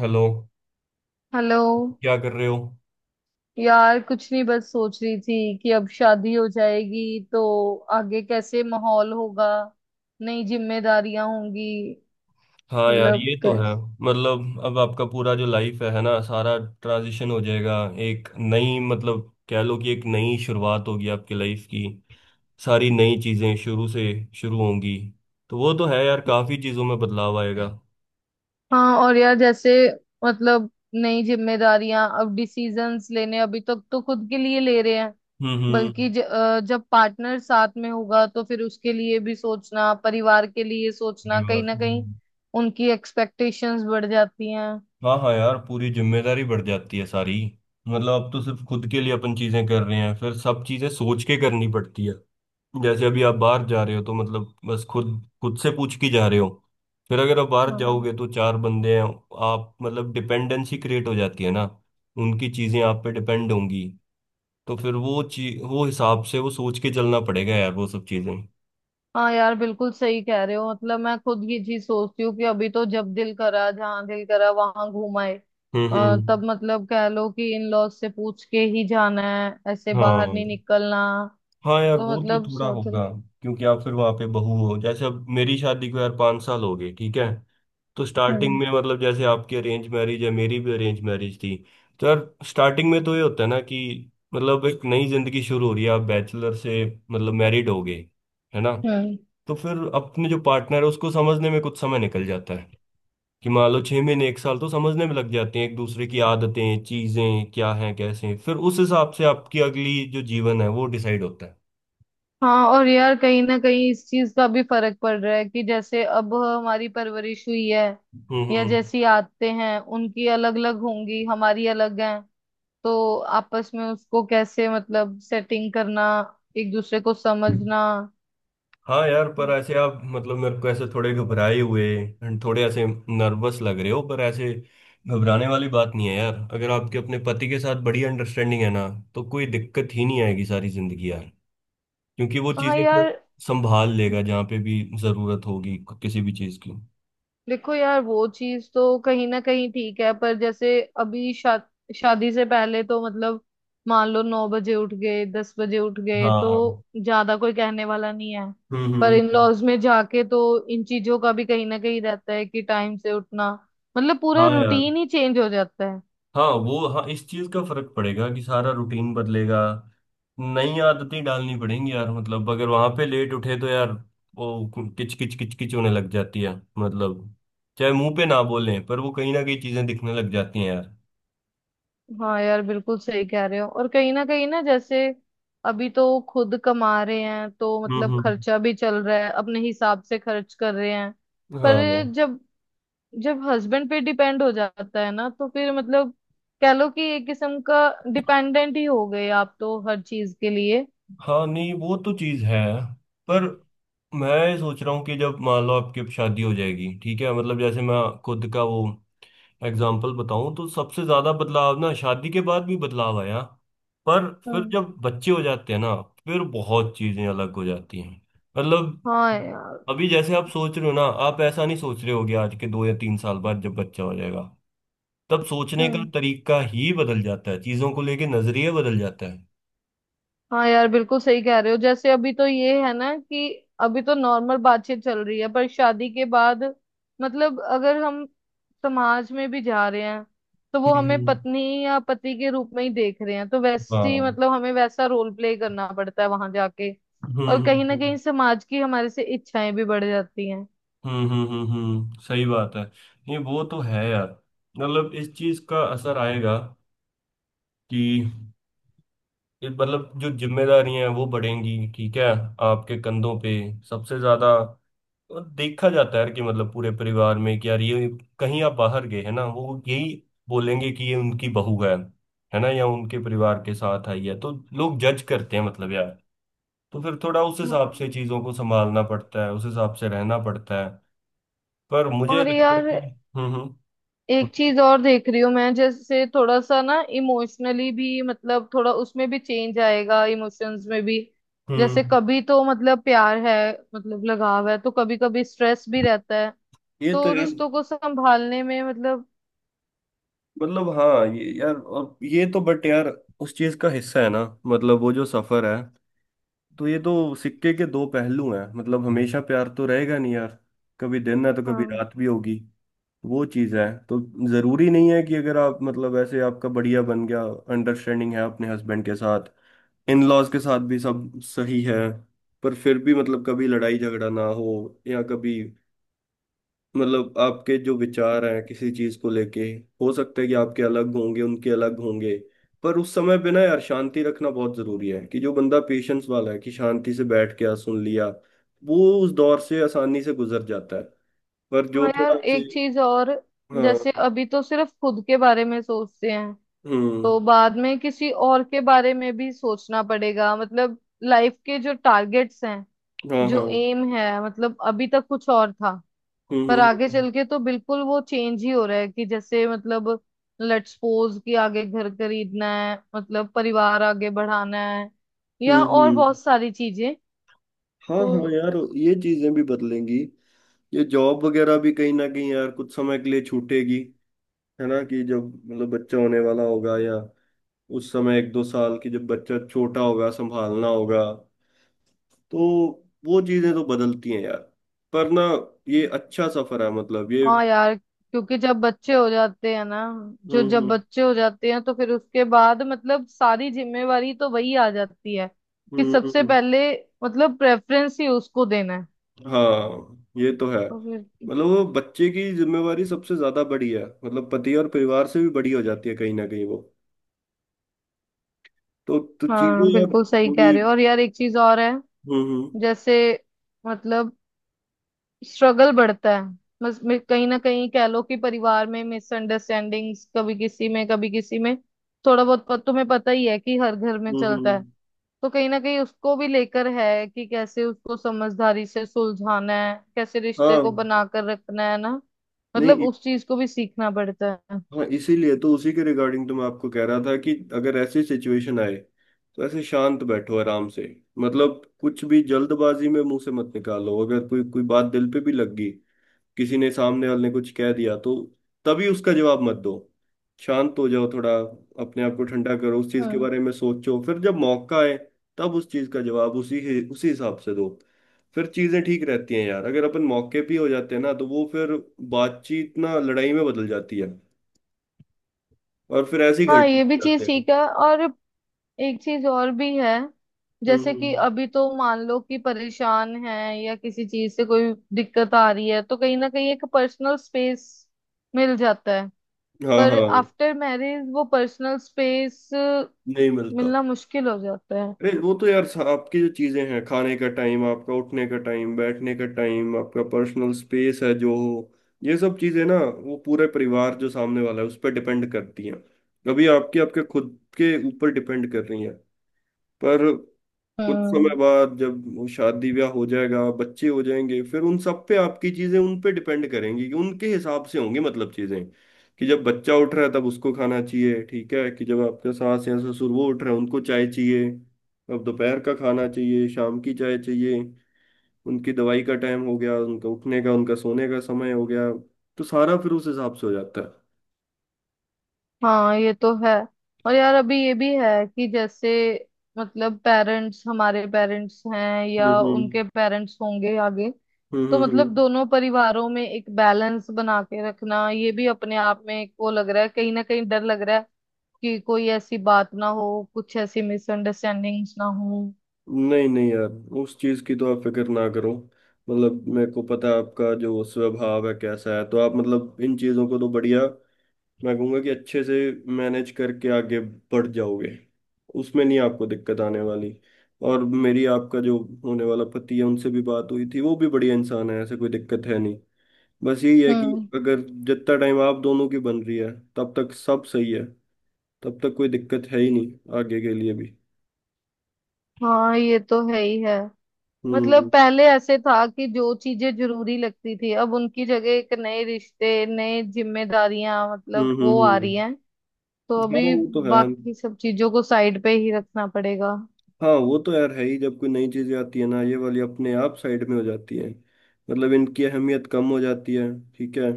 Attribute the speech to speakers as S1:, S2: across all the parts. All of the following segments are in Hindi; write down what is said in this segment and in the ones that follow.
S1: हेलो।
S2: हेलो।
S1: क्या कर रहे हो?
S2: यार कुछ नहीं, बस सोच रही थी कि अब शादी हो जाएगी तो आगे कैसे माहौल होगा, नई जिम्मेदारियां होंगी।
S1: हाँ यार,
S2: मतलब
S1: ये तो है।
S2: कैसे?
S1: मतलब अब आपका पूरा जो लाइफ है ना, सारा ट्रांजिशन हो जाएगा। एक नई, मतलब कह लो कि एक नई शुरुआत होगी आपकी लाइफ की। सारी नई चीजें शुरू से शुरू होंगी। तो वो तो है यार, काफी चीजों में बदलाव आएगा।
S2: हाँ, और यार जैसे मतलब नई जिम्मेदारियां, अब डिसीजंस लेने, अभी तक तो खुद के लिए ले रहे हैं। बल्कि
S1: हम्म।
S2: जब पार्टनर साथ में होगा तो फिर उसके लिए भी सोचना, परिवार के लिए सोचना,
S1: परिवार।
S2: कहीं ना कहीं
S1: हम्म।
S2: उनकी एक्सपेक्टेशंस बढ़ जाती हैं।
S1: हाँ हाँ यार, पूरी जिम्मेदारी बढ़ जाती है सारी। मतलब अब तो सिर्फ खुद के लिए अपन चीजें कर रहे हैं, फिर सब चीजें सोच के करनी पड़ती है। जैसे अभी आप बाहर जा रहे हो, तो मतलब बस खुद खुद से पूछ के जा रहे हो। फिर अगर आप बाहर
S2: हाँ
S1: जाओगे तो चार बंदे हैं। आप मतलब डिपेंडेंसी क्रिएट हो जाती है ना। उनकी चीजें आप पे डिपेंड होंगी। तो फिर वो चीज, वो हिसाब से वो सोच के चलना पड़ेगा यार, वो सब चीजें।
S2: हाँ, यार बिल्कुल सही कह रहे हो। मतलब मैं खुद ये चीज सोचती हूँ कि अभी तो जब दिल करा जहाँ दिल करा वहां घूमाए।
S1: हम्म।
S2: तब मतलब कह लो कि इन लॉज से पूछ के ही जाना है, ऐसे बाहर
S1: हाँ
S2: नहीं निकलना।
S1: हाँ यार,
S2: तो
S1: वो तो
S2: मतलब
S1: थोड़ा होगा।
S2: स्वतंत्र।
S1: क्योंकि आप फिर वहां पे बहू हो। जैसे अब मेरी शादी को यार पाँच साल हो गए, ठीक है। तो स्टार्टिंग
S2: हम्म
S1: में, मतलब जैसे आपकी अरेंज मैरिज है, मेरी भी अरेंज मैरिज थी। तो यार स्टार्टिंग में तो ये होता है ना कि मतलब एक नई जिंदगी शुरू हो रही है। आप बैचलर से मतलब मैरिड हो गए, है ना।
S2: हम्म।
S1: तो फिर अपने जो पार्टनर है उसको समझने में कुछ समय निकल जाता है। कि मान लो छह महीने एक साल तो समझने में लग जाते हैं, एक दूसरे की आदतें चीजें क्या हैं कैसे हैं, फिर उस हिसाब से आपकी अगली जो जीवन है वो डिसाइड होता है।
S2: हाँ, और यार कहीं ना कहीं इस चीज का भी फर्क पड़ रहा है कि जैसे अब हमारी परवरिश हुई है या
S1: हम्म
S2: जैसी आदतें हैं, उनकी अलग अलग होंगी, हमारी अलग है। तो आपस में उसको कैसे मतलब सेटिंग करना, एक दूसरे को
S1: हम्म।
S2: समझना।
S1: हाँ यार, पर ऐसे आप मतलब मेरे को ऐसे थोड़े घबराए हुए and थोड़े ऐसे नर्वस लग रहे हो। पर ऐसे घबराने वाली बात नहीं है यार। अगर आपके अपने पति के साथ बड़ी अंडरस्टैंडिंग है ना, तो कोई दिक्कत ही नहीं आएगी सारी जिंदगी यार। क्योंकि वो
S2: हाँ
S1: चीजें एक
S2: यार।
S1: संभाल लेगा जहाँ पे भी जरूरत होगी, किसी भी चीज की।
S2: देखो यार, वो चीज तो कहीं ना कहीं ठीक है, पर जैसे अभी शादी से पहले तो मतलब मान लो नौ बजे उठ गए दस बजे उठ गए तो
S1: हाँ।
S2: ज्यादा कोई कहने वाला नहीं है।
S1: हम्म।
S2: पर
S1: हम्म।
S2: इन लॉज में जाके तो इन चीजों का भी कहीं ना कहीं रहता है कि टाइम से उठना, मतलब पूरा
S1: हाँ यार।
S2: रूटीन ही चेंज हो जाता है।
S1: हाँ वो, हाँ इस चीज का फर्क पड़ेगा कि सारा रूटीन बदलेगा। नई आदतें डालनी पड़ेंगी यार। मतलब अगर वहां पे लेट उठे तो यार, वो किच किच किच किच होने लग जाती है। मतलब चाहे मुंह पे ना बोलें, पर वो कहीं ना कहीं चीजें दिखने लग जाती हैं यार।
S2: हाँ यार बिल्कुल सही कह रहे हो। और कहीं ना जैसे अभी तो खुद कमा रहे हैं तो मतलब
S1: हम्म।
S2: खर्चा भी चल रहा है, अपने हिसाब से खर्च कर रहे हैं। पर
S1: हाँ।
S2: जब जब हस्बैंड पे डिपेंड हो जाता है ना तो फिर मतलब कह लो कि एक किस्म का डिपेंडेंट ही हो गए आप तो हर चीज के लिए।
S1: हाँ नहीं, वो तो चीज है। पर मैं सोच रहा हूँ कि जब मान लो आपकी अब शादी हो जाएगी, ठीक है, मतलब जैसे मैं खुद का वो एग्जाम्पल बताऊं, तो सबसे ज्यादा बदलाव ना शादी के बाद भी बदलाव आया। पर फिर
S2: हम्म।
S1: जब बच्चे हो जाते हैं ना, फिर बहुत चीजें अलग हो जाती हैं। मतलब
S2: हाँ यार।
S1: अभी जैसे आप सोच रहे हो ना, आप ऐसा नहीं सोच रहे होगे। आज के दो या तीन साल बाद जब बच्चा हो जाएगा, तब सोचने का तरीका ही बदल जाता है, चीजों को लेके नजरिया बदल जाता है।
S2: हाँ यार बिल्कुल सही कह रहे हो। जैसे अभी तो ये है ना कि अभी तो नॉर्मल बातचीत चल रही है पर शादी के बाद मतलब अगर हम समाज में भी जा रहे हैं तो वो हमें
S1: हम्म।
S2: पत्नी या पति के रूप में ही देख रहे हैं, तो वैसी
S1: हाँ।
S2: मतलब हमें वैसा रोल प्ले करना पड़ता है वहां जाके। और
S1: हम्म
S2: कहीं ना
S1: हम्म
S2: कहीं समाज की हमारे से इच्छाएं भी बढ़ जाती हैं।
S1: सही बात है। नहीं वो तो है यार, मतलब इस चीज का असर आएगा। कि ये मतलब जो जिम्मेदारियां हैं वो बढ़ेंगी, ठीक है, आपके कंधों पे सबसे ज्यादा। और देखा जाता है यार कि मतलब पूरे परिवार में कि यार ये कहीं आप बाहर गए, है ना, वो यही बोलेंगे कि ये उनकी बहू है ना, या उनके परिवार के साथ आई है। तो लोग जज करते हैं मतलब यार। तो फिर थोड़ा उस हिसाब से चीजों को संभालना पड़ता है, उस हिसाब से रहना पड़ता है। पर मुझे
S2: और
S1: लगता है
S2: यार
S1: कि। हम्म।
S2: एक चीज और देख रही हूँ मैं, जैसे थोड़ा सा ना इमोशनली भी मतलब थोड़ा उसमें भी चेंज आएगा, इमोशंस में भी। जैसे
S1: हम्म।
S2: कभी तो मतलब प्यार है, मतलब लगाव है, तो कभी कभी स्ट्रेस भी रहता है।
S1: ये तो
S2: तो
S1: यार
S2: रिश्तों को संभालने में मतलब।
S1: मतलब, हाँ ये यार और ये तो, बट यार, उस चीज का हिस्सा है ना। मतलब वो जो सफर है, तो ये तो सिक्के के दो पहलू हैं। मतलब हमेशा प्यार तो रहेगा नहीं यार। कभी दिन है तो कभी
S2: हाँ
S1: रात भी होगी। वो चीज है। तो जरूरी नहीं है कि अगर आप मतलब ऐसे आपका बढ़िया बन गया, अंडरस्टैंडिंग है अपने हस्बैंड के साथ, इन लॉज के साथ भी सब सही है, पर फिर भी मतलब कभी लड़ाई झगड़ा ना हो या कभी मतलब आपके जो विचार हैं किसी चीज को लेके, हो सकता है कि आपके अलग होंगे उनके अलग होंगे। पर उस समय पे ना यार, शांति रखना बहुत जरूरी है। कि जो बंदा पेशेंस वाला है कि शांति से बैठ के सुन लिया, वो उस दौर से आसानी से गुजर जाता है। पर
S2: हाँ
S1: जो
S2: यार,
S1: थोड़ा से।
S2: एक चीज और।
S1: हाँ।
S2: जैसे अभी तो सिर्फ खुद के बारे में सोचते हैं,
S1: हम्म।
S2: तो बाद में किसी और के बारे में भी सोचना पड़ेगा। मतलब लाइफ के जो टारगेट्स हैं,
S1: हाँ हाँ।
S2: जो एम है, मतलब अभी तक कुछ और था,
S1: हम्म
S2: पर आगे
S1: हम्म
S2: चल के तो बिल्कुल वो चेंज ही हो रहा है कि जैसे मतलब लेट्स सपोज कि आगे घर खरीदना है, मतलब परिवार आगे बढ़ाना है, या
S1: हम्म हम्म।
S2: और
S1: हम्म,
S2: बहुत सारी चीजें।
S1: हाँ
S2: तो
S1: हाँ यार, ये चीजें भी बदलेंगी। ये जॉब वगैरह भी कहीं ना कहीं यार कुछ समय के लिए छूटेगी। है ना कि जब मतलब बच्चा होने वाला होगा, या उस समय एक दो साल की, जब बच्चा छोटा होगा संभालना होगा। तो वो चीजें तो बदलती हैं यार। पर ना ये अच्छा सफर है मतलब ये।
S2: हाँ यार, क्योंकि जब बच्चे हो जाते हैं ना, जो जब
S1: हम्म
S2: बच्चे हो जाते हैं तो फिर उसके बाद मतलब सारी जिम्मेवारी तो वही आ जाती है कि
S1: हम्म।
S2: सबसे पहले मतलब प्रेफरेंस ही उसको देना है।
S1: हाँ ये तो है।
S2: तो फिर
S1: मतलब वो बच्चे की जिम्मेवारी सबसे ज्यादा बड़ी है। मतलब पति और परिवार से भी बड़ी हो जाती है कहीं ना कहीं वो। तो चीजें
S2: हाँ
S1: यार
S2: बिल्कुल सही कह
S1: थोड़ी।
S2: रहे हो। और यार एक चीज और है।
S1: हम्म।
S2: जैसे मतलब स्ट्रगल बढ़ता है, बस कहीं ना कहीं कह लो कि परिवार में मिसअंडरस्टैंडिंग्स, कभी किसी में कभी किसी में थोड़ा बहुत तुम्हें पता ही है कि हर घर में
S1: हम्म,
S2: चलता है।
S1: हम्म,
S2: तो कहीं ना कहीं उसको भी लेकर है कि कैसे उसको समझदारी से सुलझाना है, कैसे रिश्ते
S1: हाँ।
S2: को बनाकर रखना है ना, मतलब
S1: नहीं
S2: उस चीज को भी सीखना पड़ता है।
S1: हाँ, इसीलिए तो उसी के रिगार्डिंग तो मैं आपको कह रहा था कि अगर ऐसी सिचुएशन आए तो ऐसे शांत बैठो, आराम से। मतलब कुछ भी जल्दबाजी में मुंह से मत निकालो। अगर कोई कोई बात दिल पे भी लग गई, किसी ने सामने वाले ने कुछ कह दिया, तो तभी उसका जवाब मत दो। शांत हो जाओ थोड़ा। अपने आप को ठंडा करो, उस चीज के
S2: हम्म।
S1: बारे में सोचो, फिर जब मौका आए तब उस चीज का जवाब उसी उसी हिसाब से दो। फिर चीजें ठीक रहती हैं यार। अगर अपन मौके पे ही हो जाते हैं ना, तो वो फिर बातचीत ना लड़ाई में बदल जाती है, और फिर ऐसे ही घर
S2: हाँ,
S1: टूट
S2: ये भी चीज
S1: जाते हैं।
S2: सीखा। और एक चीज और भी है, जैसे
S1: हम्म।
S2: कि अभी तो मान लो कि परेशान है या किसी चीज से कोई दिक्कत आ रही है तो कहीं ना कहीं एक पर्सनल स्पेस मिल जाता है।
S1: हाँ
S2: पर
S1: हाँ।
S2: आफ्टर मैरिज वो पर्सनल स्पेस
S1: नहीं मिलता।
S2: मिलना मुश्किल हो जाता है।
S1: अरे वो तो यार सा-, आपकी जो चीजें हैं खाने का टाइम, आपका उठने का टाइम, बैठने का टाइम, आपका पर्सनल स्पेस है जो हो, ये सब चीजें ना वो पूरे परिवार जो सामने वाला है उस पर डिपेंड करती हैं। कभी आपकी आपके खुद के ऊपर डिपेंड कर रही हैं, पर कुछ समय
S2: हम्म।
S1: बाद जब वो शादी ब्याह हो जाएगा, बच्चे हो जाएंगे, फिर उन सब पे आपकी चीजें, उन पे डिपेंड करेंगी कि उनके हिसाब से होंगी मतलब चीजें। कि जब बच्चा उठ रहा है तब उसको खाना चाहिए, ठीक है, कि जब आपका सास या ससुर वो उठ रहे हैं उनको चाय चाहिए, अब दोपहर का खाना चाहिए, शाम की चाय चाहिए, उनकी दवाई का टाइम हो गया, उनका उठने का, उनका सोने का समय हो गया। तो सारा फिर उस हिसाब से हो जाता है।
S2: हाँ, ये तो है। और यार अभी ये भी है कि जैसे मतलब पेरेंट्स, हमारे पेरेंट्स हैं या
S1: हम्म हम्म
S2: उनके पेरेंट्स होंगे आगे, तो
S1: हम्म।
S2: मतलब
S1: हम्म।
S2: दोनों परिवारों में एक बैलेंस बना के रखना, ये भी अपने आप में एक वो लग रहा है, कहीं ना कहीं डर लग रहा है कि कोई ऐसी बात ना हो, कुछ ऐसी मिसअंडरस्टैंडिंग्स ना हो।
S1: नहीं नहीं यार, उस चीज की तो आप फिक्र ना करो। मतलब मेरे को पता है आपका जो स्वभाव है कैसा है, तो आप मतलब इन चीजों को तो बढ़िया, मैं कहूँगा कि अच्छे से मैनेज करके आगे बढ़ जाओगे। उसमें नहीं आपको दिक्कत आने वाली। और मेरी आपका जो होने वाला पति है उनसे भी बात हुई थी, वो भी बढ़िया इंसान है। ऐसे कोई दिक्कत है नहीं। बस यही है कि
S2: हम्म।
S1: अगर जितना टाइम आप दोनों की बन रही है तब तक सब सही है। तब तक कोई दिक्कत है ही नहीं, आगे के लिए भी।
S2: हाँ, ये तो है ही है। मतलब
S1: हम्म
S2: पहले ऐसे था कि जो चीजें जरूरी लगती थी, अब उनकी जगह एक नए रिश्ते, नए जिम्मेदारियां
S1: हम्म।
S2: मतलब वो आ रही हैं।
S1: हम्म।
S2: तो
S1: हाँ
S2: अभी
S1: वो तो है।
S2: बाकी सब चीजों को साइड पे ही रखना पड़ेगा।
S1: हाँ वो तो यार है ही। जब कोई नई चीजें आती है ना, ये वाली अपने आप साइड में हो जाती है। मतलब इनकी अहमियत कम हो जाती है, ठीक है।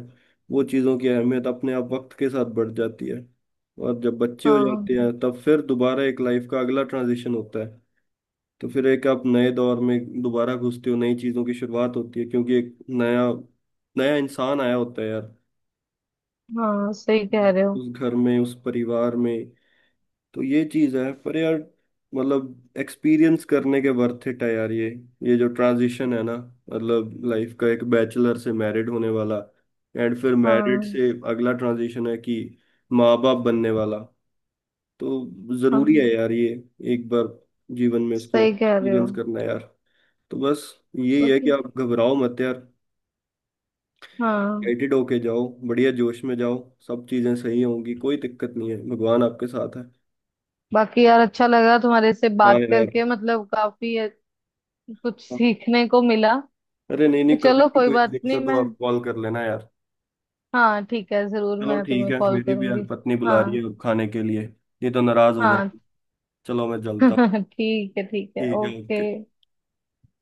S1: वो चीज़ों की अहमियत अपने आप वक्त के साथ बढ़ जाती है। और जब बच्चे हो
S2: हाँ
S1: जाते हैं तब फिर दोबारा एक लाइफ का अगला ट्रांजिशन होता है। तो फिर एक आप नए दौर में दोबारा घुसते हो, नई चीज़ों की शुरुआत होती है, क्योंकि एक नया नया इंसान आया होता है यार,
S2: हाँ सही कह रहे हो।
S1: उस घर में, उस परिवार में। तो ये चीज है, पर यार मतलब एक्सपीरियंस करने के वर्थ इट है यार ये। ये जो ट्रांजिशन है ना, मतलब लाइफ का, एक बैचलर से मैरिड होने वाला, एंड फिर मैरिड
S2: हाँ
S1: से अगला ट्रांजिशन है कि माँ बाप बनने वाला। तो जरूरी है
S2: हाँ
S1: यार ये, एक बार जीवन में इसको
S2: सही कह रहे हो।
S1: एक्सपीरियंस करना है यार। तो बस यही है कि
S2: ओके।
S1: आप घबराओ मत यार।
S2: हाँ।
S1: एक्साइटेड होके जाओ, बढ़िया जोश में जाओ। सब चीजें सही होंगी, कोई दिक्कत नहीं है, भगवान आपके साथ है।
S2: बाकी यार अच्छा लगा तुम्हारे से
S1: हाँ
S2: बात
S1: यार।
S2: करके, मतलब काफी कुछ सीखने को मिला।
S1: अरे नहीं नहीं, कभी
S2: चलो
S1: भी
S2: कोई
S1: कोई
S2: बात नहीं,
S1: दिक्कत हो
S2: मैं
S1: आप कॉल कर लेना यार।
S2: हाँ ठीक है, जरूर
S1: चलो
S2: मैं
S1: ठीक
S2: तुम्हें
S1: है,
S2: कॉल
S1: मेरी भी यार
S2: करूंगी।
S1: पत्नी बुला रही
S2: हाँ।
S1: है अब खाने के लिए, नहीं तो नाराज हो
S2: हाँ।
S1: जाएगी। चलो मैं चलता हूँ।
S2: ठीक है ठीक है,
S1: ठीक है,
S2: ओके।
S1: ओके।